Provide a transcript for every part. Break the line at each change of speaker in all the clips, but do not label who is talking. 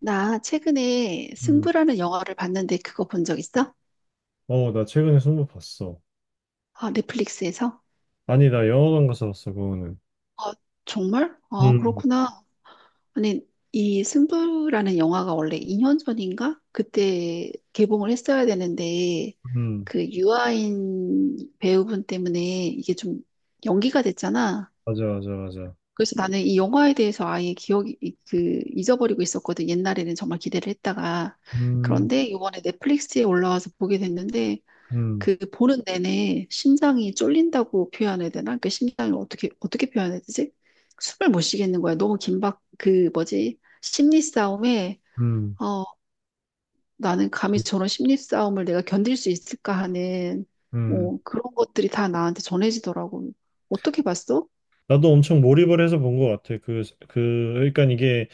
나 최근에
음.
승부라는 영화를 봤는데 그거 본 적 있어?
어, 나 최근에 승부 봤어.
아, 넷플릭스에서?
아니, 나 영화관 가서 봤어, 그거는.
아, 정말? 아,
음,
그렇구나. 아니, 이 승부라는 영화가 원래 2년 전인가? 그때 개봉을 했어야 되는데
음,
그 유아인 배우분 때문에 이게 좀 연기가 됐잖아.
맞아, 맞아, 맞아.
그래서 나는 이 영화에 대해서 아예 기억이 그 잊어버리고 있었거든. 옛날에는 정말 기대를 했다가
음,
그런데 이번에 넷플릭스에 올라와서 보게 됐는데
음,
그 보는 내내 심장이 쫄린다고 표현해야 되나? 그 심장을 어떻게 어떻게 표현해야 되지? 숨을 못 쉬겠는 거야. 너무 긴박 그 뭐지? 심리 싸움에.
음,
어 나는 감히 저런 심리 싸움을 내가 견딜 수 있을까 하는
음.
뭐 그런 것들이 다 나한테 전해지더라고. 어떻게 봤어?
나도 엄청 몰입을 해서 본 것 같아. 그러니까 이게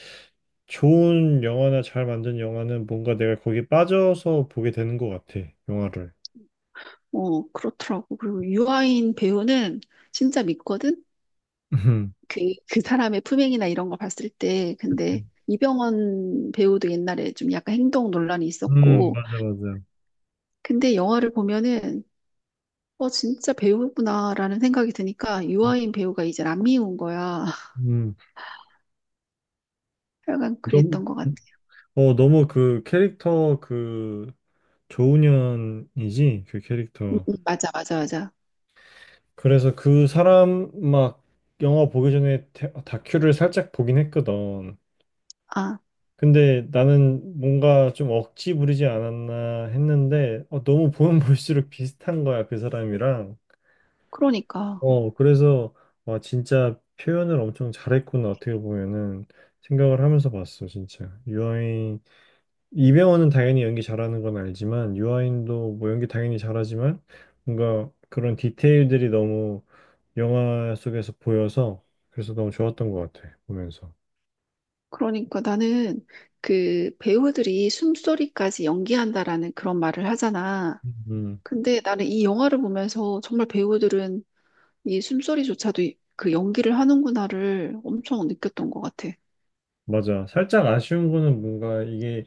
좋은 영화나 잘 만든 영화는 뭔가 내가 거기에 빠져서 보게 되는 것 같아, 영화를.
어, 그렇더라고. 그리고 유아인 배우는 진짜 믿거든.
음,
그 그 사람의 품행이나 이런 거 봤을 때 근데 이병헌 배우도 옛날에 좀 약간 행동 논란이 있었고
맞아, 맞아.
근데 영화를 보면은 진짜 배우구나라는 생각이 드니까 유아인 배우가 이제 안 미운 거야.
음,
약간
너무,
그랬던 것 같아.
너무 그 캐릭터 그 조은현이지? 그 캐릭터.
맞아, 맞아, 맞아.
그래서 그 사람 막 영화 보기 전에 다큐를 살짝 보긴 했거든.
아,
근데 나는 뭔가 좀 억지 부리지 않았나 했는데 너무 보면 볼수록 비슷한 거야 그 사람이랑.
그러니까.
그래서 와 진짜 표현을 엄청 잘했구나 어떻게 보면은 생각을 하면서 봤어 진짜. 유아인 이병헌은 당연히 연기 잘하는 건 알지만 유아인도 뭐 연기 당연히 잘하지만 뭔가 그런 디테일들이 너무 영화 속에서 보여서 그래서 너무 좋았던 것 같아 보면서.
그러니까 나는 그 배우들이 숨소리까지 연기한다라는 그런 말을 하잖아.
음
근데 나는 이 영화를 보면서 정말 배우들은 이 숨소리조차도 그 연기를 하는구나를 엄청 느꼈던 것 같아.
맞아. 살짝 아쉬운 거는 뭔가 이게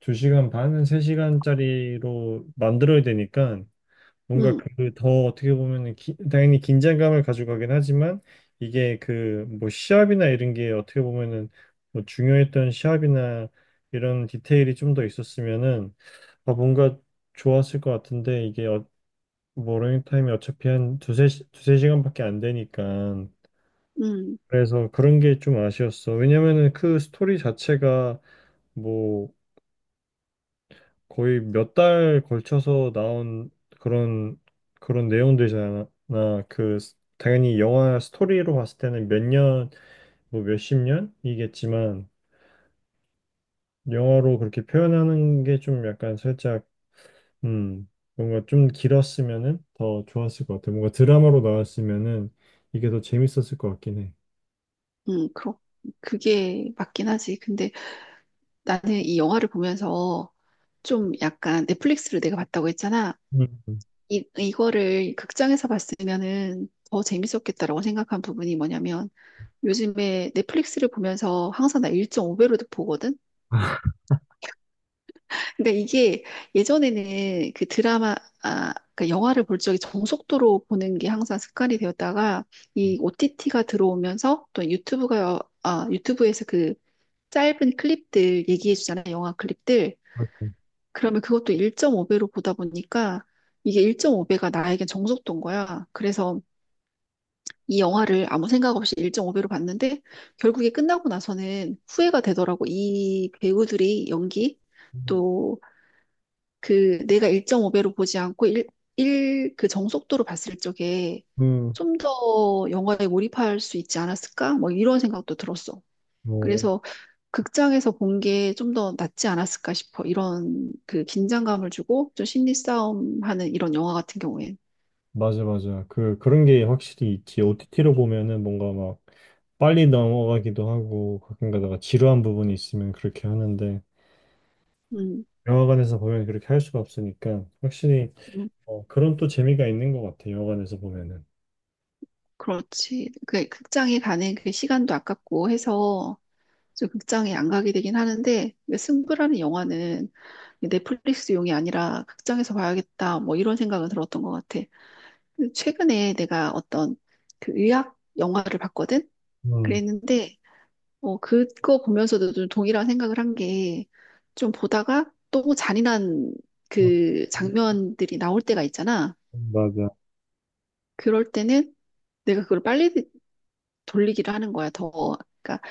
2시간 반은 3시간짜리로 만들어야 되니까 뭔가
응,
그 더 어떻게 보면은 당연히 긴장감을 가져가긴 하지만 이게 그 뭐 시합이나 이런 게 어떻게 보면은 뭐 중요했던 시합이나 이런 디테일이 좀 더 있었으면은 아 뭔가 좋았을 것 같은데 이게 뭐 러닝타임이 어차피 한 두세 시간밖에 안 되니까
응,
그래서 그런 게 좀 아쉬웠어. 왜냐면은 그 스토리 자체가 뭐 거의 몇 달 걸쳐서 나온 그런 그런 내용들이잖아. 당연히 영화 스토리로 봤을 때는 몇 년, 뭐 몇십 년이겠지만 영화로 그렇게 표현하는 게 좀 약간 살짝 음 뭔가 좀 길었으면은 더 좋았을 것 같아. 뭔가 드라마로 나왔으면은 이게 더 재밌었을 것 같긴 해.
응, 그게 맞긴 하지. 근데 나는 이 영화를 보면서 좀 약간 넷플릭스를 내가 봤다고 했잖아.
음. 음.
이거를 극장에서 봤으면은 더 재밌었겠다라고 생각한 부분이 뭐냐면 요즘에 넷플릭스를 보면서 항상 나 1.5배로도 보거든? 그러니까 이게 예전에는 그 드라마, 아, 그러니까 영화를 볼 적에 정속도로 보는 게 항상 습관이 되었다가 이 OTT가 들어오면서 또 유튜브가, 아, 유튜브에서 그 짧은 클립들 얘기해 주잖아, 영화 클립들. 그러면 그것도 1.5배로 보다 보니까 이게 1.5배가 나에겐 정속도인 거야. 그래서 이 영화를 아무 생각 없이 1.5배로 봤는데 결국에 끝나고 나서는 후회가 되더라고. 이 배우들이 연기 또 그 내가 1.5배로 보지 않고 1, 1, 그 정속도로 봤을 적에
음.
좀 더 영화에 몰입할 수 있지 않았을까? 뭐 이런 생각도 들었어.
음.
그래서 극장에서 본 게 좀 더 낫지 않았을까 싶어. 이런 그 긴장감을 주고 좀 심리 싸움하는 이런 영화 같은 경우엔.
맞아, 맞아. 그런 게 확실히 있지. OTT로 보면은 뭔가 막 빨리 넘어가기도 하고, 가끔 가다가 지루한 부분이 있으면 그렇게 하는데,
음,
영화관에서 보면 그렇게 할 수가 없으니까, 확실히,
음,
그런 또 재미가 있는 것 같아, 영화관에서 보면은.
그렇지. 그 극장에 가는 그 시간도 아깝고 해서 좀 극장에 안 가게 되긴 하는데 근데 승부라는 영화는 넷플릭스용이 아니라 극장에서 봐야겠다 뭐 이런 생각은 들었던 것 같아. 근데 최근에 내가 어떤 그 의학 영화를 봤거든.
음,
그랬는데 그거 보면서도 좀 동일한 생각을 한 게, 좀 보다가 또 잔인한
어,
그 장면들이 나올 때가 있잖아.
맞아.
그럴 때는 내가 그걸 빨리 돌리기를 하는 거야, 더. 그러니까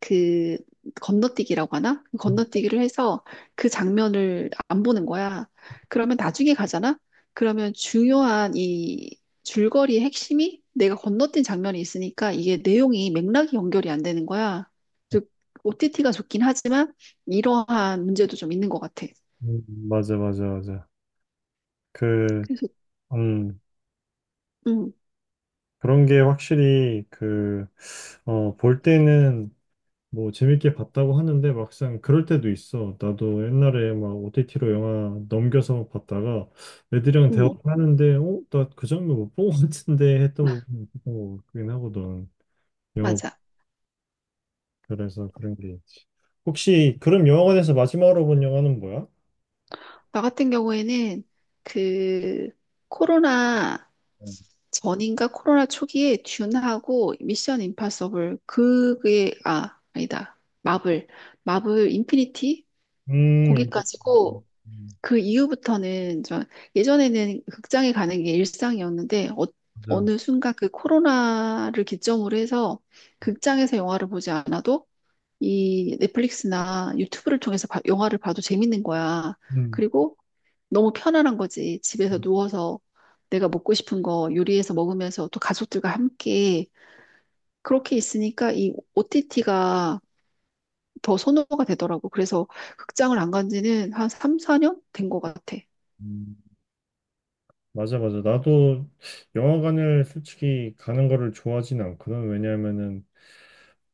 그 건너뛰기라고 하나? 그 건너뛰기를 해서 그 장면을 안 보는 거야. 그러면 나중에 가잖아? 그러면 중요한 이 줄거리의 핵심이 내가 건너뛴 장면이 있으니까 이게 내용이 맥락이 연결이 안 되는 거야. 즉, OTT가 좋긴 하지만 이러한 문제도 좀 있는 것 같아.
음, 맞아, 맞아, 맞아. 그,
그래서,
음,
음,
그런 게 확실히 볼 때는 뭐 재밌게 봤다고 하는데 막상 그럴 때도 있어. 나도 옛날에 막 OTT로 영화 넘겨서 봤다가 애들이랑
음,
대화하는데 어? 나 그 장면 못 본 것 같은데 했던 부분이 있었던 것 같긴 하거든.
맞아.
영화별에서 그런 게 있지. 혹시 그럼 영화관에서 마지막으로 본 영화는 뭐야?
나 같은 경우에는 그 코로나 전인가 코로나 초기에 듄하고 미션 임파서블 그게 아, 아니다, 마블 인피니티
임팩트.
거기까지고
음,
그 이후부터는 저 예전에는 극장에 가는 게 일상이었는데
맞아.
어느 순간 그 코로나를 기점으로 해서 극장에서 영화를 보지 않아도 이 넷플릭스나 유튜브를 통해서 영화를 봐도 재밌는 거야.
음.
그리고 너무 편안한 거지. 집에서 누워서 내가 먹고 싶은 거 요리해서 먹으면서 또 가족들과 함께 그렇게 있으니까 이 OTT가 더 선호가 되더라고. 그래서 극장을 안 간 지는 한 3, 4년 된 것 같아.
음, 맞아, 맞아. 나도 영화관을 솔직히 가는 거를 좋아하진 않거든. 왜냐하면은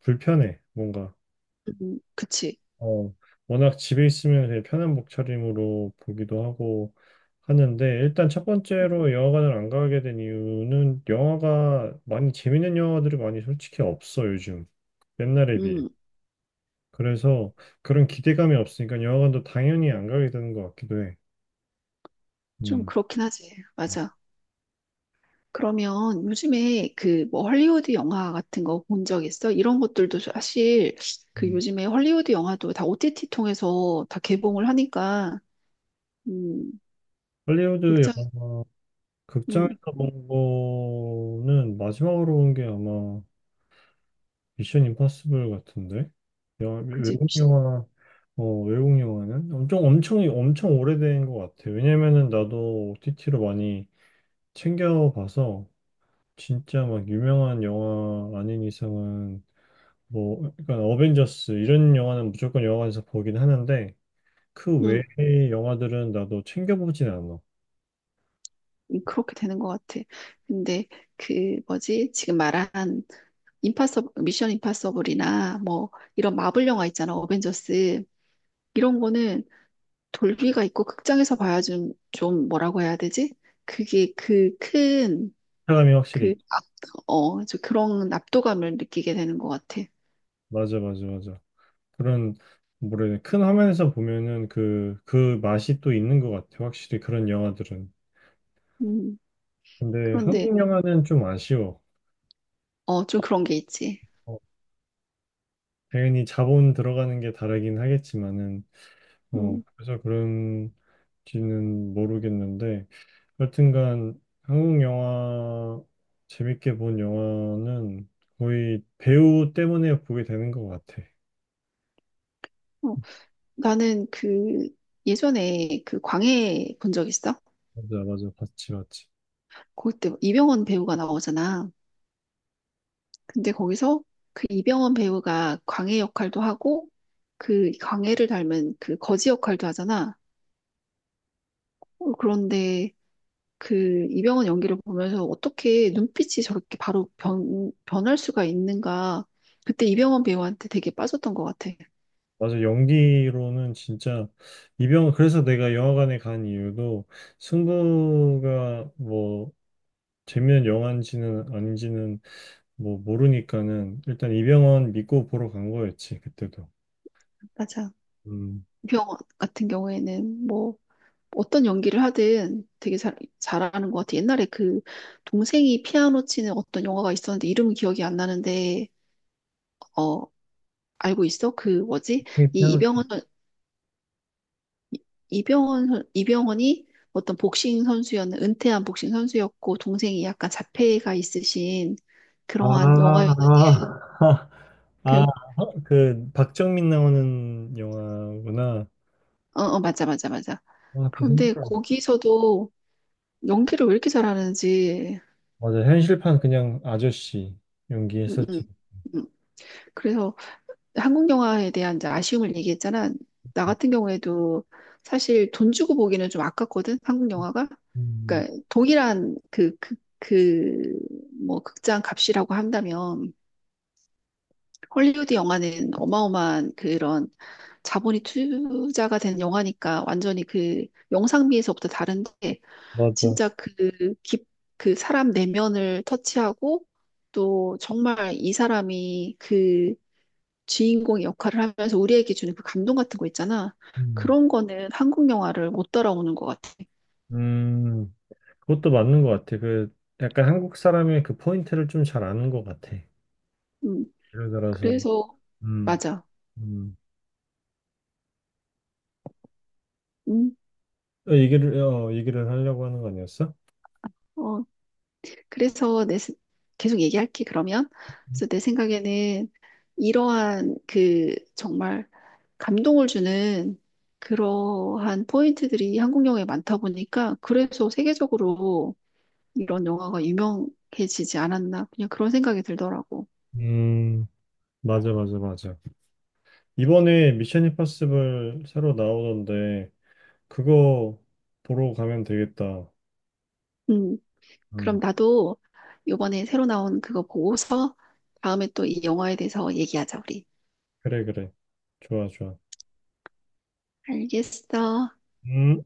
불편해. 뭔가
그치.
어, 워낙 집에 있으면 되게 편한 목차림으로 보기도 하고 하는데 일단 첫 번째로 영화관을 안 가게 된 이유는 영화가 많이 재밌는 영화들이 많이 솔직히 없어 요즘 옛날에 비해
음,
그래서 그런 기대감이 없으니까 영화관도 당연히 안 가게 되는 것 같기도 해.
좀
음.
그렇긴 하지. 맞아. 그러면 요즘에 그 뭐 헐리우드 영화 같은 거 본 적 있어? 이런 것들도 사실 그
음.
요즘에 헐리우드 영화도 다 OTT 통해서 다 개봉을 하니까 음,
할리우드
극장,
영화
음.
극장에서 본 거는 마지막으로 본 게 아마 미션 임파서블 같은데? 영화-
그지?
외국 영화, 외국 영화는? 엄청, 엄청, 엄청 오래된 것 같아. 왜냐면은 나도 OTT로 많이 챙겨봐서, 진짜 막 유명한 영화 아닌 이상은, 뭐, 그러니까 어벤져스, 이런 영화는 무조건 영화관에서 보긴 하는데, 그
응,
외의 영화들은 나도 챙겨보진 않아.
응, 그렇게 되는 것 같아. 근데 그 뭐지? 지금 말한 임파서 미션 임파서블이나 뭐 이런 마블 영화 있잖아. 어벤져스 이런 거는 돌비가 있고 극장에서 봐야 좀 뭐라고 해야 되지? 그게 그 큰
사람이 확실히,
그 압, 어, 저 그런 압도감을 느끼게 되는 것 같아.
맞아, 맞아, 맞아. 그런, 뭐라 해야 되나, 큰 화면에서 보면은 그 맛이 또 있는 것 같아. 확실히 그런 영화들은.
음,
근데
그런데
한국 영화는 좀 아쉬워.
좀 그런 게 있지.
어, 당연히 자본 들어가는 게 다르긴 하겠지만은,
음,
그래서 그런지는 모르겠는데, 여튼간 한국 영화, 재밌게 본 영화는 거의 배우 때문에 보게 되는 것 같아.
어, 나는 그 예전에 그 광해 본 적 있어?
맞아, 맞아. 봤지, 봤지.
그때 이병헌 배우가 나오잖아. 근데 거기서 그 이병헌 배우가 광해 역할도 하고 그 광해를 닮은 그 거지 역할도 하잖아. 그런데 그 이병헌 연기를 보면서 어떻게 눈빛이 저렇게 바로 변할 수가 있는가. 그때 이병헌 배우한테 되게 빠졌던 것 같아.
맞아, 연기로는 진짜. 그래서 내가 영화관에 간 이유도 승부가 뭐, 재미난 영화인지는 아닌지는 뭐 모르니까는 일단 이병헌 믿고 보러 간 거였지 그때도.
맞아.
음.
이병헌 같은 경우에는 뭐 어떤 연기를 하든 되게 잘하는 것 같아. 옛날에 그 동생이 피아노 치는 어떤 영화가 있었는데 이름은 기억이 안 나는데 어, 알고 있어? 그 뭐지? 이
그냥
이병헌 선- 이- 병헌 선- 이병헌이 어떤 복싱 선수였는 은퇴한 복싱 선수였고 동생이 약간 자폐가 있으신
아,
그러한
아,
영화였는데
아,
그-
그 박정민 나오는 영화구나.
어, 어, 맞아, 맞아, 맞아.
아, 진짜
그런데
힘들어.
거기서도 연기를 왜 이렇게 잘하는지.
맞아, 현실판 그냥 아저씨
음, 음,
연기했었지.
음. 그래서 한국 영화에 대한 이제 아쉬움을 얘기했잖아. 나 같은 경우에도 사실 돈 주고 보기는 좀 아깝거든, 한국 영화가.
음,
그러니까 동일한 그, 뭐, 극장 값이라고 한다면. 헐리우드 영화는 어마어마한 그런 자본이 투자가 된 영화니까 완전히 그 영상미에서부터 다른데
맞아.
진짜 그 사람 내면을 터치하고 또 정말 이 사람이 그 주인공의 역할을 하면서 우리에게 주는 그 감동 같은 거 있잖아.
음.
그런 거는 한국 영화를 못 따라오는 것 같아.
음, 그것도 맞는 것 같아. 그 약간 한국 사람의 그 포인트를 좀 잘 아는 것 같아.
음,
예를 들어서,
그래서,
음,
맞아.
음.
음,
얘기를 하려고 하는 거 아니었어?
어, 그래서 계속 얘기할게, 그러면. 그래서 내 생각에는 이러한 그 정말 감동을 주는 그러한 포인트들이 한국 영화에 많다 보니까 그래서 세계적으로 이런 영화가 유명해지지 않았나. 그냥 그런 생각이 들더라고.
음. 맞아, 맞아, 맞아. 이번에 미션 임파서블 새로 나오던데, 그거 보러 가면 되겠다.
음, 그럼
음.
나도 요번에 새로 나온 그거 보고서 다음에 또 이 영화에 대해서 얘기하자, 우리.
그래, 그래. 좋아, 좋아.
알겠어.
음.